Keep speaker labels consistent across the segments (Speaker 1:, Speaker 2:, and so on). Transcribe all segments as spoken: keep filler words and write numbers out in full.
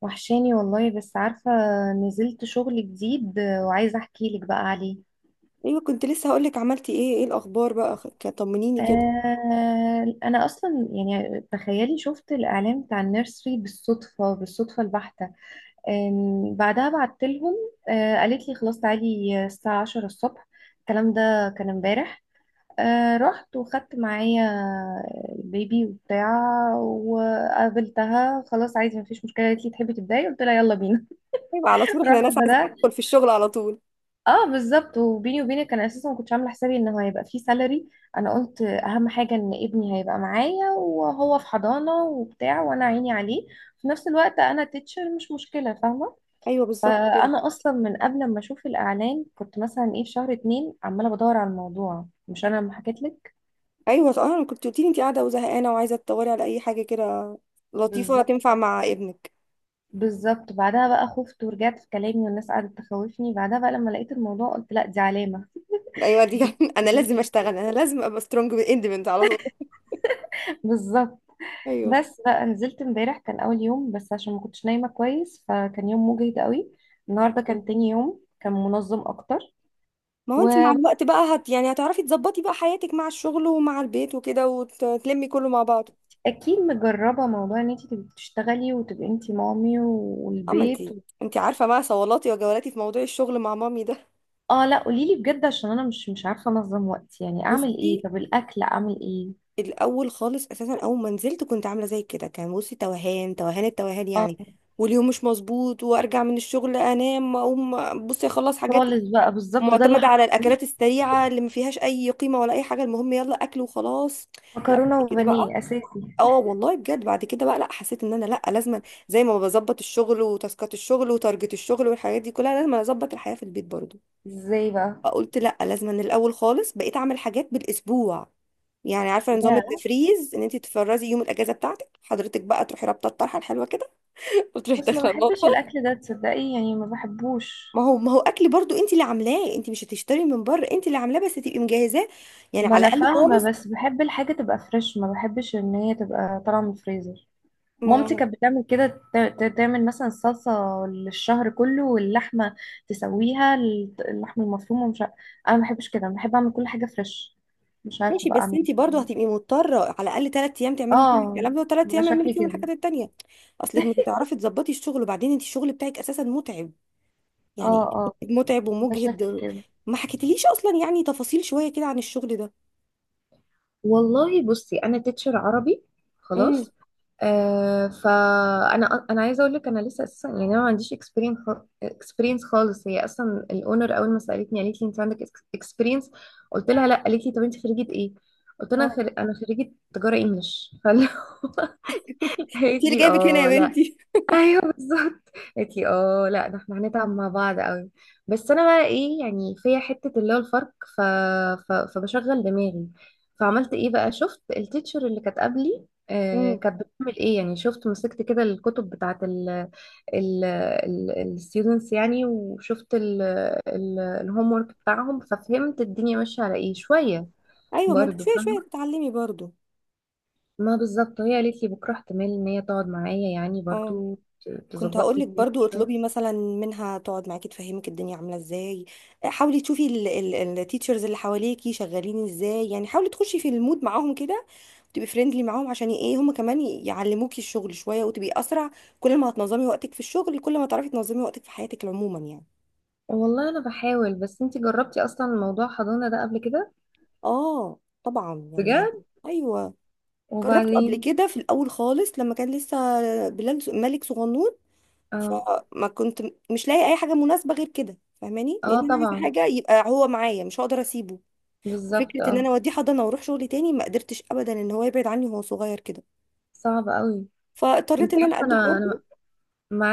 Speaker 1: وحشاني والله بس عارفة. نزلت شغل جديد وعايزة احكي لك بقى عليه.
Speaker 2: ايوه، كنت لسه هقولك عملتي ايه؟ ايه الاخبار بقى؟ خ- ك- طمنيني كده.
Speaker 1: آه انا اصلا يعني تخيلي شفت الاعلان بتاع النيرسري بالصدفة بالصدفة البحتة. آم، بعدها بعت لهم. آه قالت لي خلاص تعالي الساعة العاشرة الصبح. الكلام ده كان امبارح. آه رحت وخدت معايا البيبي وبتاع، وقابلتها. خلاص عايزة، مفيش مشكلة. قالت لي تحبي تبداي؟ قلت لها يلا بينا.
Speaker 2: يبقى على طول، احنا
Speaker 1: رحت
Speaker 2: ناس عايزين
Speaker 1: بدأت.
Speaker 2: ندخل في الشغل على طول.
Speaker 1: اه بالظبط، وبيني وبينك انا اساسا ما كنتش عامله حسابي انه هيبقى فيه سالري. انا قلت اهم حاجه ان ابني هيبقى معايا وهو في حضانه وبتاع وانا عيني عليه. في نفس الوقت انا تيتشر، مش مشكله، فاهمه.
Speaker 2: ايوه بالظبط كده.
Speaker 1: فانا اصلا من قبل ما اشوف الاعلان كنت مثلا ايه في شهر اتنين عماله بدور على الموضوع، مش انا لما حكيت لك؟
Speaker 2: ايوه صح. انا كنت قلتيلي انت قاعده وزهقانه وعايزه تدوري على اي حاجه كده لطيفه
Speaker 1: بالظبط.
Speaker 2: تنفع مع ابنك.
Speaker 1: بالظبط، بعدها بقى خفت ورجعت في كلامي والناس قعدت تخوفني. بعدها بقى لما لقيت الموضوع قلت لا، دي علامه.
Speaker 2: ايوه دي
Speaker 1: دي
Speaker 2: انا لازم اشتغل، انا لازم ابقى سترونج اندبندنت على طول.
Speaker 1: بالظبط.
Speaker 2: ايوه،
Speaker 1: بس بقى نزلت امبارح، كان اول يوم بس عشان ما كنتش نايمه كويس فكان يوم مجهد قوي. النهارده كان تاني يوم، كان منظم اكتر.
Speaker 2: ما هو انت مع
Speaker 1: واكيد.
Speaker 2: الوقت بقى هت يعني هتعرفي تظبطي بقى حياتك مع الشغل ومع البيت وكده وتلمي كله مع بعض.
Speaker 1: مجربه موضوع ان انت تبقي بتشتغلي وتبقي انت مامي
Speaker 2: اما انت،
Speaker 1: والبيت و...
Speaker 2: انت عارفه بقى صولاتي وجولاتي في موضوع الشغل مع مامي ده.
Speaker 1: اه لا، قولي لي بجد، عشان انا مش مش عارفه انظم وقتي. يعني اعمل
Speaker 2: بصي،
Speaker 1: ايه؟ طب الاكل اعمل ايه؟
Speaker 2: الاول خالص اساسا اول ما نزلت كنت عامله زي كده، كان بصي توهان توهان التوهان
Speaker 1: اه
Speaker 2: يعني. واليوم مش مظبوط، وارجع من الشغل انام اقوم. بصي اخلص حاجات
Speaker 1: خالص بقى، بالظبط ده اللي
Speaker 2: معتمده على
Speaker 1: حصل.
Speaker 2: الاكلات السريعه اللي ما فيهاش اي قيمه ولا اي حاجه، المهم يلا اكل وخلاص. لا بعد
Speaker 1: مكرونه
Speaker 2: كده بقى،
Speaker 1: وبانيه اساسي.
Speaker 2: اه والله بجد بعد كده بقى لا، حسيت ان انا لا لازم زي ما بظبط الشغل وتاسكات الشغل وتارجت الشغل والحاجات دي كلها، لازم اظبط الحياه في البيت برضو.
Speaker 1: ازاي بقى؟
Speaker 2: قلت لا، لازم من الاول خالص بقيت اعمل حاجات بالاسبوع. يعني عارفه نظام
Speaker 1: يا،
Speaker 2: التفريز، ان انت تفرزي يوم الاجازه بتاعتك حضرتك بقى تروحي رابطه الطرحه الحلوه كده وتروحي
Speaker 1: بس ما
Speaker 2: داخله
Speaker 1: بحبش
Speaker 2: المطبخ.
Speaker 1: الاكل ده، تصدقي؟ يعني ما بحبوش.
Speaker 2: ما هو ما هو اكل برضو انت اللي عاملاه، انت مش هتشتري من بره، انت اللي عاملاه بس تبقي مجهزاه يعني،
Speaker 1: ما
Speaker 2: على
Speaker 1: انا
Speaker 2: الاقل
Speaker 1: فاهمه،
Speaker 2: خالص.
Speaker 1: بس بحب الحاجه تبقى فريش، ما بحبش ان هي تبقى طالعه من الفريزر.
Speaker 2: ما
Speaker 1: مامتي كانت بتعمل كده، ت- ت- تعمل مثلا الصلصه للشهر كله، واللحمه تسويها الت- اللحمه المفرومه، مش عارف. انا ما بحبش كده، أنا بحب اعمل كل حاجه فريش. مش عارفه
Speaker 2: ماشي
Speaker 1: بقى
Speaker 2: بس
Speaker 1: اعمل
Speaker 2: انت برضو
Speaker 1: إيه.
Speaker 2: هتبقي مضطره على الاقل ثلاث ايام تعملي فيهم
Speaker 1: اه.
Speaker 2: الكلام ده، وثلاث
Speaker 1: ده
Speaker 2: ايام اعملي
Speaker 1: شكلي
Speaker 2: فيهم
Speaker 1: كده.
Speaker 2: الحاجات التانيه. اصلك مش هتعرفي تظبطي الشغل، وبعدين انت الشغل بتاعك اساسا متعب،
Speaker 1: اه
Speaker 2: يعني
Speaker 1: اه.
Speaker 2: متعب
Speaker 1: ده شكلي
Speaker 2: ومجهد.
Speaker 1: كده.
Speaker 2: ما حكيتليش اصلا يعني تفاصيل شويه كده عن الشغل ده.
Speaker 1: والله بصي، انا تيتشر عربي،
Speaker 2: امم
Speaker 1: خلاص. آه فانا انا عايزه اقول لك انا لسه اساسا، يعني انا ما عنديش اكسبيرينس، اكسبيرينس خالص. هي اصلا الاونر اول ما سالتني قالت لي انت عندك اكسبيرينس؟ قلت لها لا. قالت لي طب انت خريجه ايه؟ قلت لها انا
Speaker 2: اه،
Speaker 1: خر... انا خريجه تجاره انجلش. فقالت
Speaker 2: انت اللي
Speaker 1: لي
Speaker 2: جايبك هنا يا
Speaker 1: اه.
Speaker 2: بنتي.
Speaker 1: ايوه بالظبط. قالت لي اه لا، ده احنا هنتعب مع بعض قوي. بس انا بقى ايه يعني، فيا حته اللي هو الفرق. ف... ف... فبشغل دماغي. فعملت ايه بقى؟ شفت التيتشر اللي كانت قبلي آه
Speaker 2: امم
Speaker 1: كانت بتعمل ايه يعني، شفت مسكت كده الكتب بتاعت ال ال الستودنتس يعني، وشفت ال ال الهوم ورك بتاعهم، ففهمت الدنيا ماشيه على ايه شويه.
Speaker 2: ايوه، ما انت
Speaker 1: برضو
Speaker 2: شويه شويه
Speaker 1: فاهمه.
Speaker 2: تتعلمي برضو.
Speaker 1: ما بالظبط، هي قالت لي بكره احتمال ان هي تقعد معايا يعني
Speaker 2: اه،
Speaker 1: برضو، ت-
Speaker 2: كنت
Speaker 1: تظبط
Speaker 2: هقول
Speaker 1: لي
Speaker 2: لك
Speaker 1: الدنيا
Speaker 2: برضو
Speaker 1: شويه.
Speaker 2: اطلبي مثلا منها تقعد معاكي تفهمك الدنيا عامله ازاي. آه، حاولي تشوفي التيتشرز اللي حواليكي شغالين ازاي، يعني حاولي تخشي في المود معاهم كده، تبقي فريندلي معاهم عشان ايه هم كمان يعلموكي الشغل شويه وتبقي اسرع. كل ما هتنظمي وقتك في الشغل كل ما تعرفي تنظمي وقتك في حياتك عموما يعني.
Speaker 1: والله انا بحاول، بس انتي جربتي اصلا موضوع حضانة ده قبل كده؟
Speaker 2: اه طبعا يعني.
Speaker 1: بجد.
Speaker 2: ايوه. جربته قبل
Speaker 1: وبعدين.
Speaker 2: كده في الاول خالص لما كان لسه بلال ص- ملك صغنون.
Speaker 1: اه.
Speaker 2: فما كنت م- مش لاقي اي حاجه مناسبه غير كده، فاهماني؟ لان
Speaker 1: اه
Speaker 2: انا عايزه
Speaker 1: طبعا.
Speaker 2: حاجه يبقى هو معايا، مش هقدر اسيبه.
Speaker 1: بالظبط
Speaker 2: وفكره ان
Speaker 1: اه.
Speaker 2: انا اوديه حضانه واروح شغل تاني ما قدرتش ابدا ان هو يبعد عني وهو صغير كده،
Speaker 1: صعب قوي.
Speaker 2: فاضطريت
Speaker 1: انتي
Speaker 2: ان انا
Speaker 1: عارفة،
Speaker 2: اقدم
Speaker 1: انا
Speaker 2: برضه.
Speaker 1: انا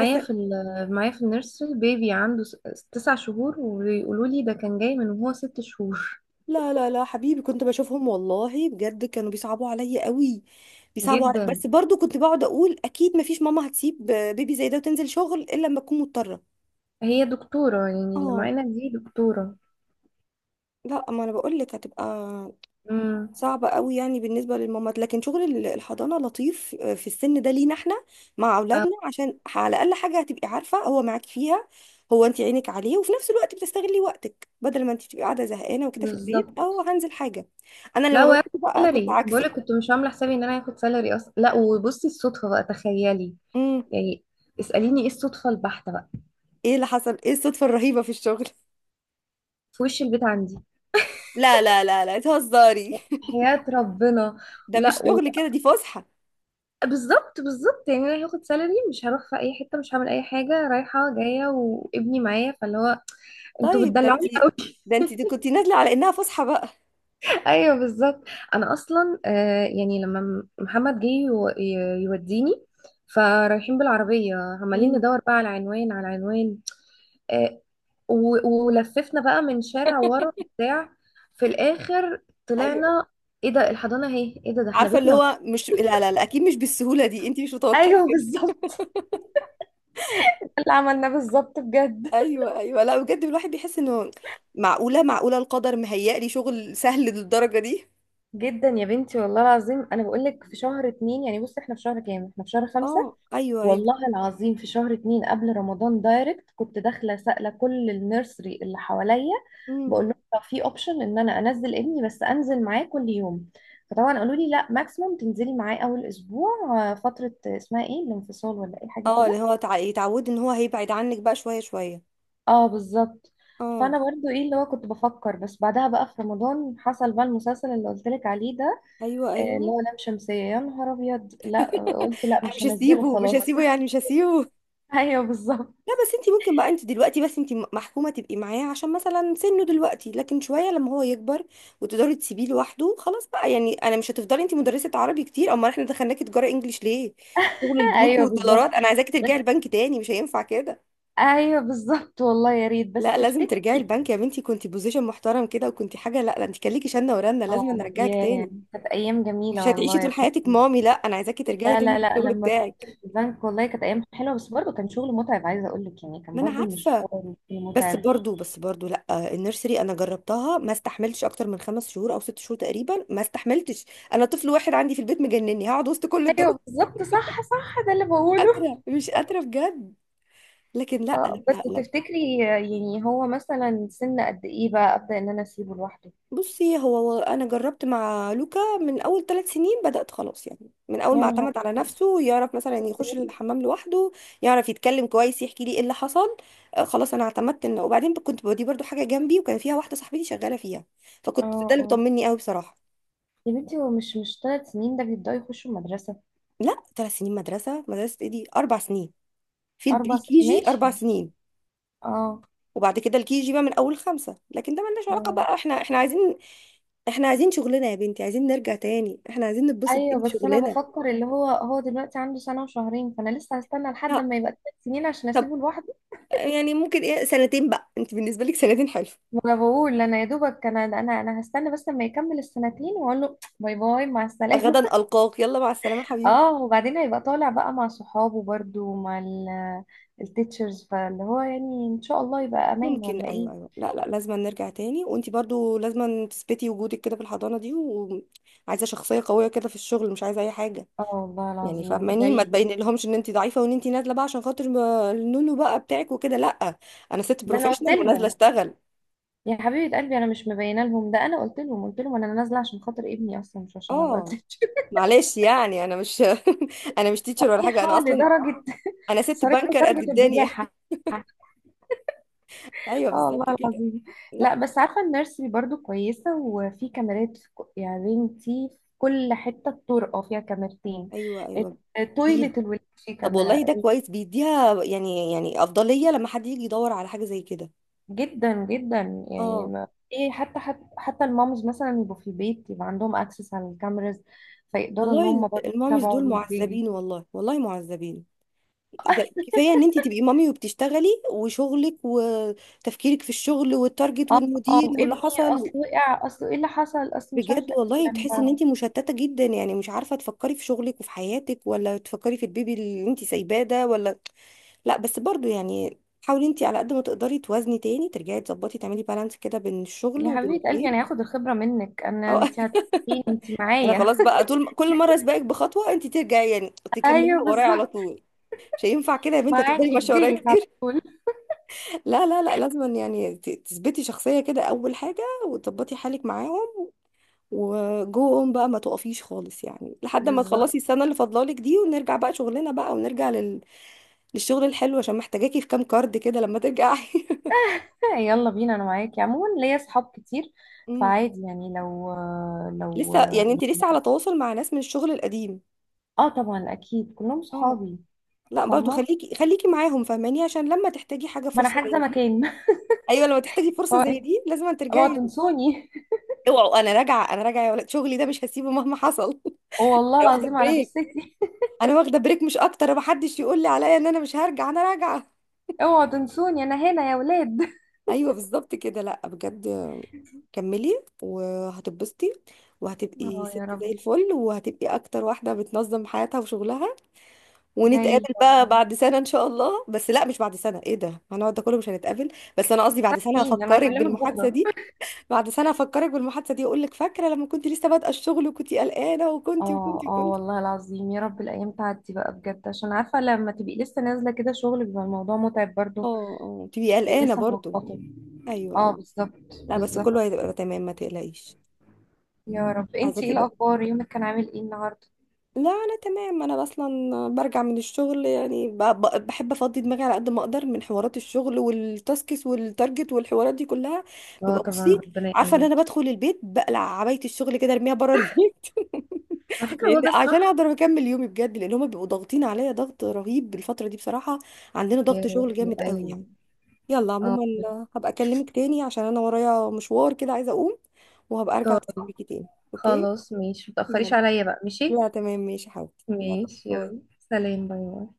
Speaker 2: بس
Speaker 1: في ال- معايا في النيرسري بيبي عنده س- تسع شهور، وبيقولوا لي ده كان جاي من وهو ست شهور.
Speaker 2: لا لا لا حبيبي، كنت بشوفهم والله بجد كانوا بيصعبوا عليا قوي. بيصعبوا علي...
Speaker 1: جدا.
Speaker 2: بس برضو كنت بقعد اقول اكيد ما فيش ماما هتسيب بيبي زي ده وتنزل شغل الا لما تكون مضطره.
Speaker 1: هي دكتورة، يعني اللي
Speaker 2: اه
Speaker 1: معانا دي دكتورة.
Speaker 2: لا، ما انا بقول لك هتبقى
Speaker 1: امم.
Speaker 2: صعب قوي يعني بالنسبه للمامات، لكن شغل ال- الحضانه لطيف. آه، في السن ده لينا احنا مع
Speaker 1: اه
Speaker 2: اولادنا، عشان على الاقل حاجه هتبقي عارفه هو معاك فيها، هو انت عينك عليه وفي نفس الوقت بتستغلي وقتك بدل ما انت تبقي قاعده زهقانه وكده في البيت.
Speaker 1: بالظبط.
Speaker 2: او هنزل حاجه. انا
Speaker 1: لا
Speaker 2: لما بدات
Speaker 1: وهاخد
Speaker 2: بقى كنت
Speaker 1: سالري، بقولك
Speaker 2: عكسك.
Speaker 1: كنت مش عاملة حسابي ان انا هاخد سالري اصلا. لا وبصي الصدفة بقى تخيلي
Speaker 2: امم
Speaker 1: يعني، اسأليني ايه الصدفة البحتة بقى.
Speaker 2: ايه اللي حصل؟ ايه الصدفه الرهيبه في الشغل؟
Speaker 1: في وش البيت عندي.
Speaker 2: لا لا لا لا تهزري
Speaker 1: حياة ربنا.
Speaker 2: ده مش
Speaker 1: لا و...
Speaker 2: شغل كده، دي فسحه.
Speaker 1: بالظبط. بالظبط يعني انا هاخد سالري، مش هروح في اي حتة، مش هعمل اي حاجة رايحة جاية، وابني معايا، فاللي هو انتوا
Speaker 2: طيب ده انت،
Speaker 1: بتدلعوني قوي.
Speaker 2: ده انت كنت نازله على انها فسحه بقى.
Speaker 1: ايوه بالظبط. انا اصلا آه يعني لما م- محمد جه يو- ي- يوديني، فرايحين بالعربية، عمالين
Speaker 2: امم
Speaker 1: ندور بقى على عنوان على عنوان، آه، و- ولففنا بقى من شارع ورا بتاع، في الاخر طلعنا. ايه ده الحضانه اهي. ايه ده، ده احنا
Speaker 2: عارفه اللي
Speaker 1: بيتنا أهو.
Speaker 2: هو مش، لا لا لا اكيد مش بالسهوله دي، انت مش متوقعه
Speaker 1: ايوه
Speaker 2: كده.
Speaker 1: بالظبط، اللي عملناه بالظبط بجد.
Speaker 2: ايوه ايوه، لا بجد الواحد بيحس انه معقوله، معقوله القدر مهيأ لي شغل سهل للدرجه دي.
Speaker 1: جدا يا بنتي، والله العظيم. انا بقول لك في شهر اتنين، يعني بصي احنا في شهر كام؟ احنا في شهر خمسة.
Speaker 2: اه ايوه ايوه.
Speaker 1: والله العظيم في شهر اتنين قبل رمضان دايركت كنت داخله سائله كل النيرسري اللي حواليا،
Speaker 2: امم
Speaker 1: بقول لهم طب في اوبشن ان انا انزل ابني بس انزل معاه كل يوم. فطبعا قالوا لي لا، ماكسيموم تنزلي معاه اول اسبوع، آه، فتره اسمها ايه، الانفصال ولا ايه حاجه
Speaker 2: اه، اللي
Speaker 1: كده.
Speaker 2: هو تع... يتعود ان هو هيبعد عنك بقى شويه شويه.
Speaker 1: اه بالظبط.
Speaker 2: اه
Speaker 1: فانا برضو ايه اللي هو كنت بفكر، بس بعدها بقى في رمضان حصل بقى المسلسل اللي قلت لك عليه ده،
Speaker 2: ايوه
Speaker 1: آه، اللي
Speaker 2: ايوه.
Speaker 1: هو لام شمسيه. يا نهار ابيض، لا. قلت لا،
Speaker 2: انا
Speaker 1: مش
Speaker 2: مش
Speaker 1: هنزله
Speaker 2: هسيبه، مش
Speaker 1: خلاص.
Speaker 2: هسيبه يعني مش هسيبه.
Speaker 1: ايوه بالظبط.
Speaker 2: لا بس انت ممكن بقى، انت دلوقتي بس انت محكومه تبقي معاه عشان مثلا سنه دلوقتي، لكن شويه لما هو يكبر وتقدري تسيبيه لوحده خلاص بقى يعني. انا مش هتفضلي انت مدرسه عربي كتير، امال احنا دخلناكي تجاره انجليش ليه؟ شغل البنوك
Speaker 1: ايوه بالظبط
Speaker 2: والدولارات، انا عايزاكي ترجعي
Speaker 1: بس.
Speaker 2: البنك تاني، مش هينفع كده.
Speaker 1: ايوه بالظبط، والله يا ريت، بس
Speaker 2: لا لازم
Speaker 1: تفتكر.
Speaker 2: ترجعي البنك يا بنتي، كنتي بوزيشن محترم كده وكنتي حاجه، لا ده انت كان ليكي شنه ورنه، لازم
Speaker 1: اه
Speaker 2: نرجعك
Speaker 1: ياه.
Speaker 2: تاني.
Speaker 1: كانت ايام
Speaker 2: مش
Speaker 1: جميله
Speaker 2: هتعيشي
Speaker 1: والله
Speaker 2: طول
Speaker 1: يا
Speaker 2: حياتك
Speaker 1: بنتي.
Speaker 2: مامي، لا انا عايزاكي ترجعي
Speaker 1: لا
Speaker 2: تاني
Speaker 1: لا لا،
Speaker 2: للشغل
Speaker 1: لما كنت
Speaker 2: بتاعك.
Speaker 1: في البنك والله كانت ايام حلوه، بس برضه كان شغل متعب. عايزه اقول لك يعني كان
Speaker 2: ما انا
Speaker 1: برضه
Speaker 2: عارفه،
Speaker 1: مشوار
Speaker 2: بس
Speaker 1: متعب.
Speaker 2: برضو بس برضو لا، النيرسري انا جربتها، ما استحملتش اكتر من خمس شهور او ست شهور تقريبا، ما استحملتش. انا طفل واحد عندي في البيت مجنني، هقعد وسط كل دول؟
Speaker 1: ايوه بالظبط. صح صح. ده اللي
Speaker 2: مش
Speaker 1: بقوله.
Speaker 2: قادره مش قادره بجد. لكن لا،
Speaker 1: اه، بس
Speaker 2: لما لما
Speaker 1: تفتكري يعني هو مثلا سن قد ايه بقى ابدا ان انا اسيبه لوحده؟
Speaker 2: بصي، هو هو انا جربت مع لوكا من اول ثلاث سنين بدات خلاص، يعني من اول
Speaker 1: يا
Speaker 2: ما
Speaker 1: نهار،
Speaker 2: اعتمد على نفسه، يعرف مثلا
Speaker 1: ثلاث
Speaker 2: يخش
Speaker 1: سنين
Speaker 2: الحمام لوحده، يعرف يتكلم كويس، يحكي لي ايه اللي حصل. آه، خلاص انا اعتمدت انه، وبعدين كنت بوديه برضو حاجه جنبي وكان فيها واحده صاحبتي شغاله فيها،
Speaker 1: اه
Speaker 2: فكنت ده اللي
Speaker 1: اه.
Speaker 2: بيطمني قوي بصراحه.
Speaker 1: يا بنتي هو مش مش ثلاث سنين ده بيبداوا يخشوا المدرسه،
Speaker 2: لا، ثلاث سنين مدرسة؟ مدرسة ايه دي، أربع سنين. في
Speaker 1: اربع
Speaker 2: البري
Speaker 1: سنين
Speaker 2: كي جي
Speaker 1: ماشي.
Speaker 2: أربع سنين.
Speaker 1: اه.
Speaker 2: وبعد كده الكي جي بقى من أول خمسة، لكن ده ملناش علاقة
Speaker 1: اه.
Speaker 2: بقى، احنا احنا عايزين احنا عايزين شغلنا يا بنتي، عايزين نرجع تاني، احنا عايزين نتبسط
Speaker 1: ايوه
Speaker 2: تاني في
Speaker 1: بس انا
Speaker 2: شغلنا.
Speaker 1: بفكر اللي هو هو دلوقتي عنده سنه وشهرين، فانا لسه هستنى لحد
Speaker 2: لا.
Speaker 1: ما يبقى ثلاث سنين عشان
Speaker 2: طب
Speaker 1: اسيبه لوحده.
Speaker 2: يعني ممكن ايه، سنتين بقى، انت بالنسبة لك سنتين حلو.
Speaker 1: ما انا بقول انا، يا دوبك انا انا انا هستنى بس لما يكمل السنتين واقول له باي باي مع
Speaker 2: غدا
Speaker 1: السلامه.
Speaker 2: ألقاك، يلا مع السلامة حبيبي.
Speaker 1: اه، وبعدين هيبقى طالع بقى مع صحابه برده ومع التيتشرز، فاللي هو يعني ان شاء الله يبقى امان
Speaker 2: ممكن،
Speaker 1: ولا
Speaker 2: ايوه
Speaker 1: ايه؟
Speaker 2: ايوه، لا لا لازم نرجع تاني، وانت برضو لازم تثبتي وجودك كده في الحضانة دي، وعايزة شخصية قوية كده في الشغل، مش عايزة اي حاجة
Speaker 1: اه والله
Speaker 2: يعني
Speaker 1: العظيم
Speaker 2: فاهماني؟ ما
Speaker 1: زي.
Speaker 2: تبين لهمش ان انت ضعيفه وان انت نازله بقى عشان خاطر ما- النونو بقى بتاعك وكده، لا، انا ست
Speaker 1: ده انا قلت
Speaker 2: بروفيشنال ونازله
Speaker 1: لهم.
Speaker 2: اشتغل.
Speaker 1: يا حبيبه قلبي، انا مش مبينه لهم، ده انا قلت لهم، قلت لهم انا نازله عشان خاطر ابني اصلا مش عشان ابقى
Speaker 2: اه،
Speaker 1: تيتشر.
Speaker 2: معلش يعني انا مش انا مش تيتشر ولا حاجه انا
Speaker 1: صحيحه
Speaker 2: اصلا،
Speaker 1: لدرجه،
Speaker 2: انا ست
Speaker 1: صريحة
Speaker 2: بنكر قد
Speaker 1: لدرجة
Speaker 2: الدنيا
Speaker 1: البجاحة.
Speaker 2: ايوه
Speaker 1: اه والله
Speaker 2: بالظبط كده.
Speaker 1: العظيم.
Speaker 2: لا.
Speaker 1: لا بس عارفة، النيرسري برضو كويسة وفي كاميرات. في ك- يعني بنتي في كل حتة، الطرقة فيها كاميرتين،
Speaker 2: ايوه ايوه، بي-
Speaker 1: تويلة الولاد فيه
Speaker 2: طب
Speaker 1: كاميرا.
Speaker 2: والله ده كويس، بيديها يعني يعني افضليه لما حد يجي يدور على حاجه زي كده.
Speaker 1: جدا جدا. يعني
Speaker 2: اه
Speaker 1: ما، ايه، حتى حتى, حتى المامز مثلا يبقوا في البيت يبقى عندهم اكسس على الكاميرز، فيقدروا ان
Speaker 2: والله
Speaker 1: هم
Speaker 2: ال-
Speaker 1: برضو
Speaker 2: الماميز دول
Speaker 1: يتابعوا البيبي.
Speaker 2: معذبين والله والله معذبين. ده كفايه ان انت تبقي مامي وبتشتغلي وشغلك وتفكيرك في الشغل والتارجت
Speaker 1: اه اه
Speaker 2: والمدير واللي
Speaker 1: وابني، اصل
Speaker 2: حصل.
Speaker 1: وقع، اصل ايه اللي حصل، اصل مش
Speaker 2: بجد
Speaker 1: عارفة
Speaker 2: والله
Speaker 1: إيه.
Speaker 2: بتحسي ان
Speaker 1: لما،
Speaker 2: انت مشتته جدا يعني، مش عارفه تفكري في شغلك وفي حياتك ولا تفكري في البيبي اللي انت سايباه ده، ولا لا بس برضو يعني حاولي انت على قد ما تقدري توازني تاني، ترجعي تظبطي، تعملي بالانس كده بين الشغل
Speaker 1: يا
Speaker 2: وبين
Speaker 1: حبيبة قلبي،
Speaker 2: البيت.
Speaker 1: انا هاخد الخبرة منك. انا
Speaker 2: أو
Speaker 1: انت هتقولين انت
Speaker 2: انا
Speaker 1: معايا.
Speaker 2: خلاص بقى طول كل مره اسبقك بخطوه، انت ترجعي يعني
Speaker 1: ايوه
Speaker 2: تكمليها ورايا على
Speaker 1: بالظبط.
Speaker 2: طول، مش هينفع كده يا بنتي، هتفضلي
Speaker 1: معاكي في
Speaker 2: ماشيه ورايا
Speaker 1: ديلك على
Speaker 2: كتير.
Speaker 1: طول.
Speaker 2: لا لا لا لازم يعني ت- تثبتي شخصية كده أول حاجة، وتظبطي حالك معاهم، وجوهم بقى ما تقفيش خالص، يعني لحد ما تخلصي
Speaker 1: بالظبط.
Speaker 2: السنة اللي فاضلالك دي ونرجع بقى شغلنا بقى، ونرجع لل... للشغل الحلو، عشان محتاجاكي في كام كارد كده لما ترجعي
Speaker 1: يلا بينا، انا معاكي عموما، ليا صحاب كتير،
Speaker 2: مم.
Speaker 1: فعادي يعني، لو لو
Speaker 2: لسه يعني انت لسه
Speaker 1: يعني،
Speaker 2: على تواصل مع ناس من الشغل القديم؟
Speaker 1: اه طبعا اكيد كلهم
Speaker 2: اه
Speaker 1: صحابي.
Speaker 2: لا برضو
Speaker 1: فاهمة.
Speaker 2: خليكي خليكي معاهم فاهماني، عشان لما تحتاجي حاجة
Speaker 1: ما انا
Speaker 2: فرصة
Speaker 1: حاجزة
Speaker 2: زي دي،
Speaker 1: مكان.
Speaker 2: ايوه، لما تحتاجي فرصة
Speaker 1: هو
Speaker 2: زي
Speaker 1: إيه؟
Speaker 2: دي لازم
Speaker 1: اوعوا
Speaker 2: ترجعي.
Speaker 1: تنسوني.
Speaker 2: اوعوا، انا راجعة، انا راجعة يا ولد، شغلي ده مش هسيبه مهما حصل.
Speaker 1: والله
Speaker 2: واخدة
Speaker 1: العظيم على
Speaker 2: بريك،
Speaker 1: جثتي.
Speaker 2: انا واخده بريك مش اكتر، محدش يقول لي عليا ان انا مش هرجع، انا راجعه.
Speaker 1: اوعوا تنسوني، انا هنا يا ولاد.
Speaker 2: ايوه بالظبط كده، لا بجد كملي وهتتبسطي، وهتبقي
Speaker 1: اه
Speaker 2: ست
Speaker 1: يا
Speaker 2: زي
Speaker 1: رب.
Speaker 2: الفل، وهتبقي اكتر واحده بتنظم حياتها وشغلها.
Speaker 1: زي
Speaker 2: ونتقابل بقى
Speaker 1: والله.
Speaker 2: بعد سنه ان شاء الله، بس لا مش بعد سنه، ايه ده هنقعد ده كله مش هنتقابل، بس انا قصدي بعد سنه
Speaker 1: فين انا،
Speaker 2: هفكرك
Speaker 1: هكلمك
Speaker 2: بالمحادثه
Speaker 1: بكرة.
Speaker 2: دي. بعد سنه هفكرك بالمحادثه دي، اقول لك فاكره لما كنت لسه بادئه الشغل وكنتي قلقانه وكنتي
Speaker 1: اه
Speaker 2: وكنتي
Speaker 1: اه والله
Speaker 2: وكنتي.
Speaker 1: العظيم، يا رب الايام تعدي بقى بجد، عشان عارفه لما تبقي لسه نازله كده شغل بيبقى الموضوع متعب برضو.
Speaker 2: اه اه تبقي
Speaker 1: بتبقي
Speaker 2: قلقانه
Speaker 1: لسه
Speaker 2: برضو.
Speaker 1: ملخبطه.
Speaker 2: ايوه
Speaker 1: اه
Speaker 2: ايوه.
Speaker 1: بالظبط
Speaker 2: لا بس
Speaker 1: بالظبط.
Speaker 2: كله هيبقى تمام ما تقلقيش.
Speaker 1: يا رب. انتي ايه
Speaker 2: عايزاكي بقى،
Speaker 1: الاخبار؟ يومك كان عامل ايه النهارده؟
Speaker 2: لا انا تمام، انا اصلا برجع من الشغل يعني ب- ب- بحب افضي دماغي على قد ما اقدر من حوارات الشغل والتاسكس والتارجت والحوارات دي كلها.
Speaker 1: اه
Speaker 2: ببقى
Speaker 1: طبعا
Speaker 2: بصي
Speaker 1: ربنا
Speaker 2: عارفه ان انا
Speaker 1: يقويكي.
Speaker 2: بدخل البيت بقلع عبايه الشغل كده ارميها بره البيت
Speaker 1: على فكرة
Speaker 2: لان
Speaker 1: هو ده
Speaker 2: عشان
Speaker 1: الصح.
Speaker 2: اقدر اكمل يومي بجد، لان هما بيبقوا ضاغطين عليا ضغط رهيب الفتره دي بصراحه، عندنا
Speaker 1: يا
Speaker 2: ضغط شغل
Speaker 1: روحي
Speaker 2: جامد قوي يعني.
Speaker 1: ايوه.
Speaker 2: يلا
Speaker 1: اه
Speaker 2: عموما هبقى اكلمك تاني عشان انا ورايا مشوار كده عايزه اقوم، وهبقى ارجع اتصل
Speaker 1: طيب
Speaker 2: بيكي تاني. اوكي
Speaker 1: خلاص، ماشي، متأخريش
Speaker 2: يلا.
Speaker 1: عليا بقى. ماشي.
Speaker 2: لا تمام ماشي حاضر. يلا
Speaker 1: ماشي يلا،
Speaker 2: باي.
Speaker 1: سلام باي باي.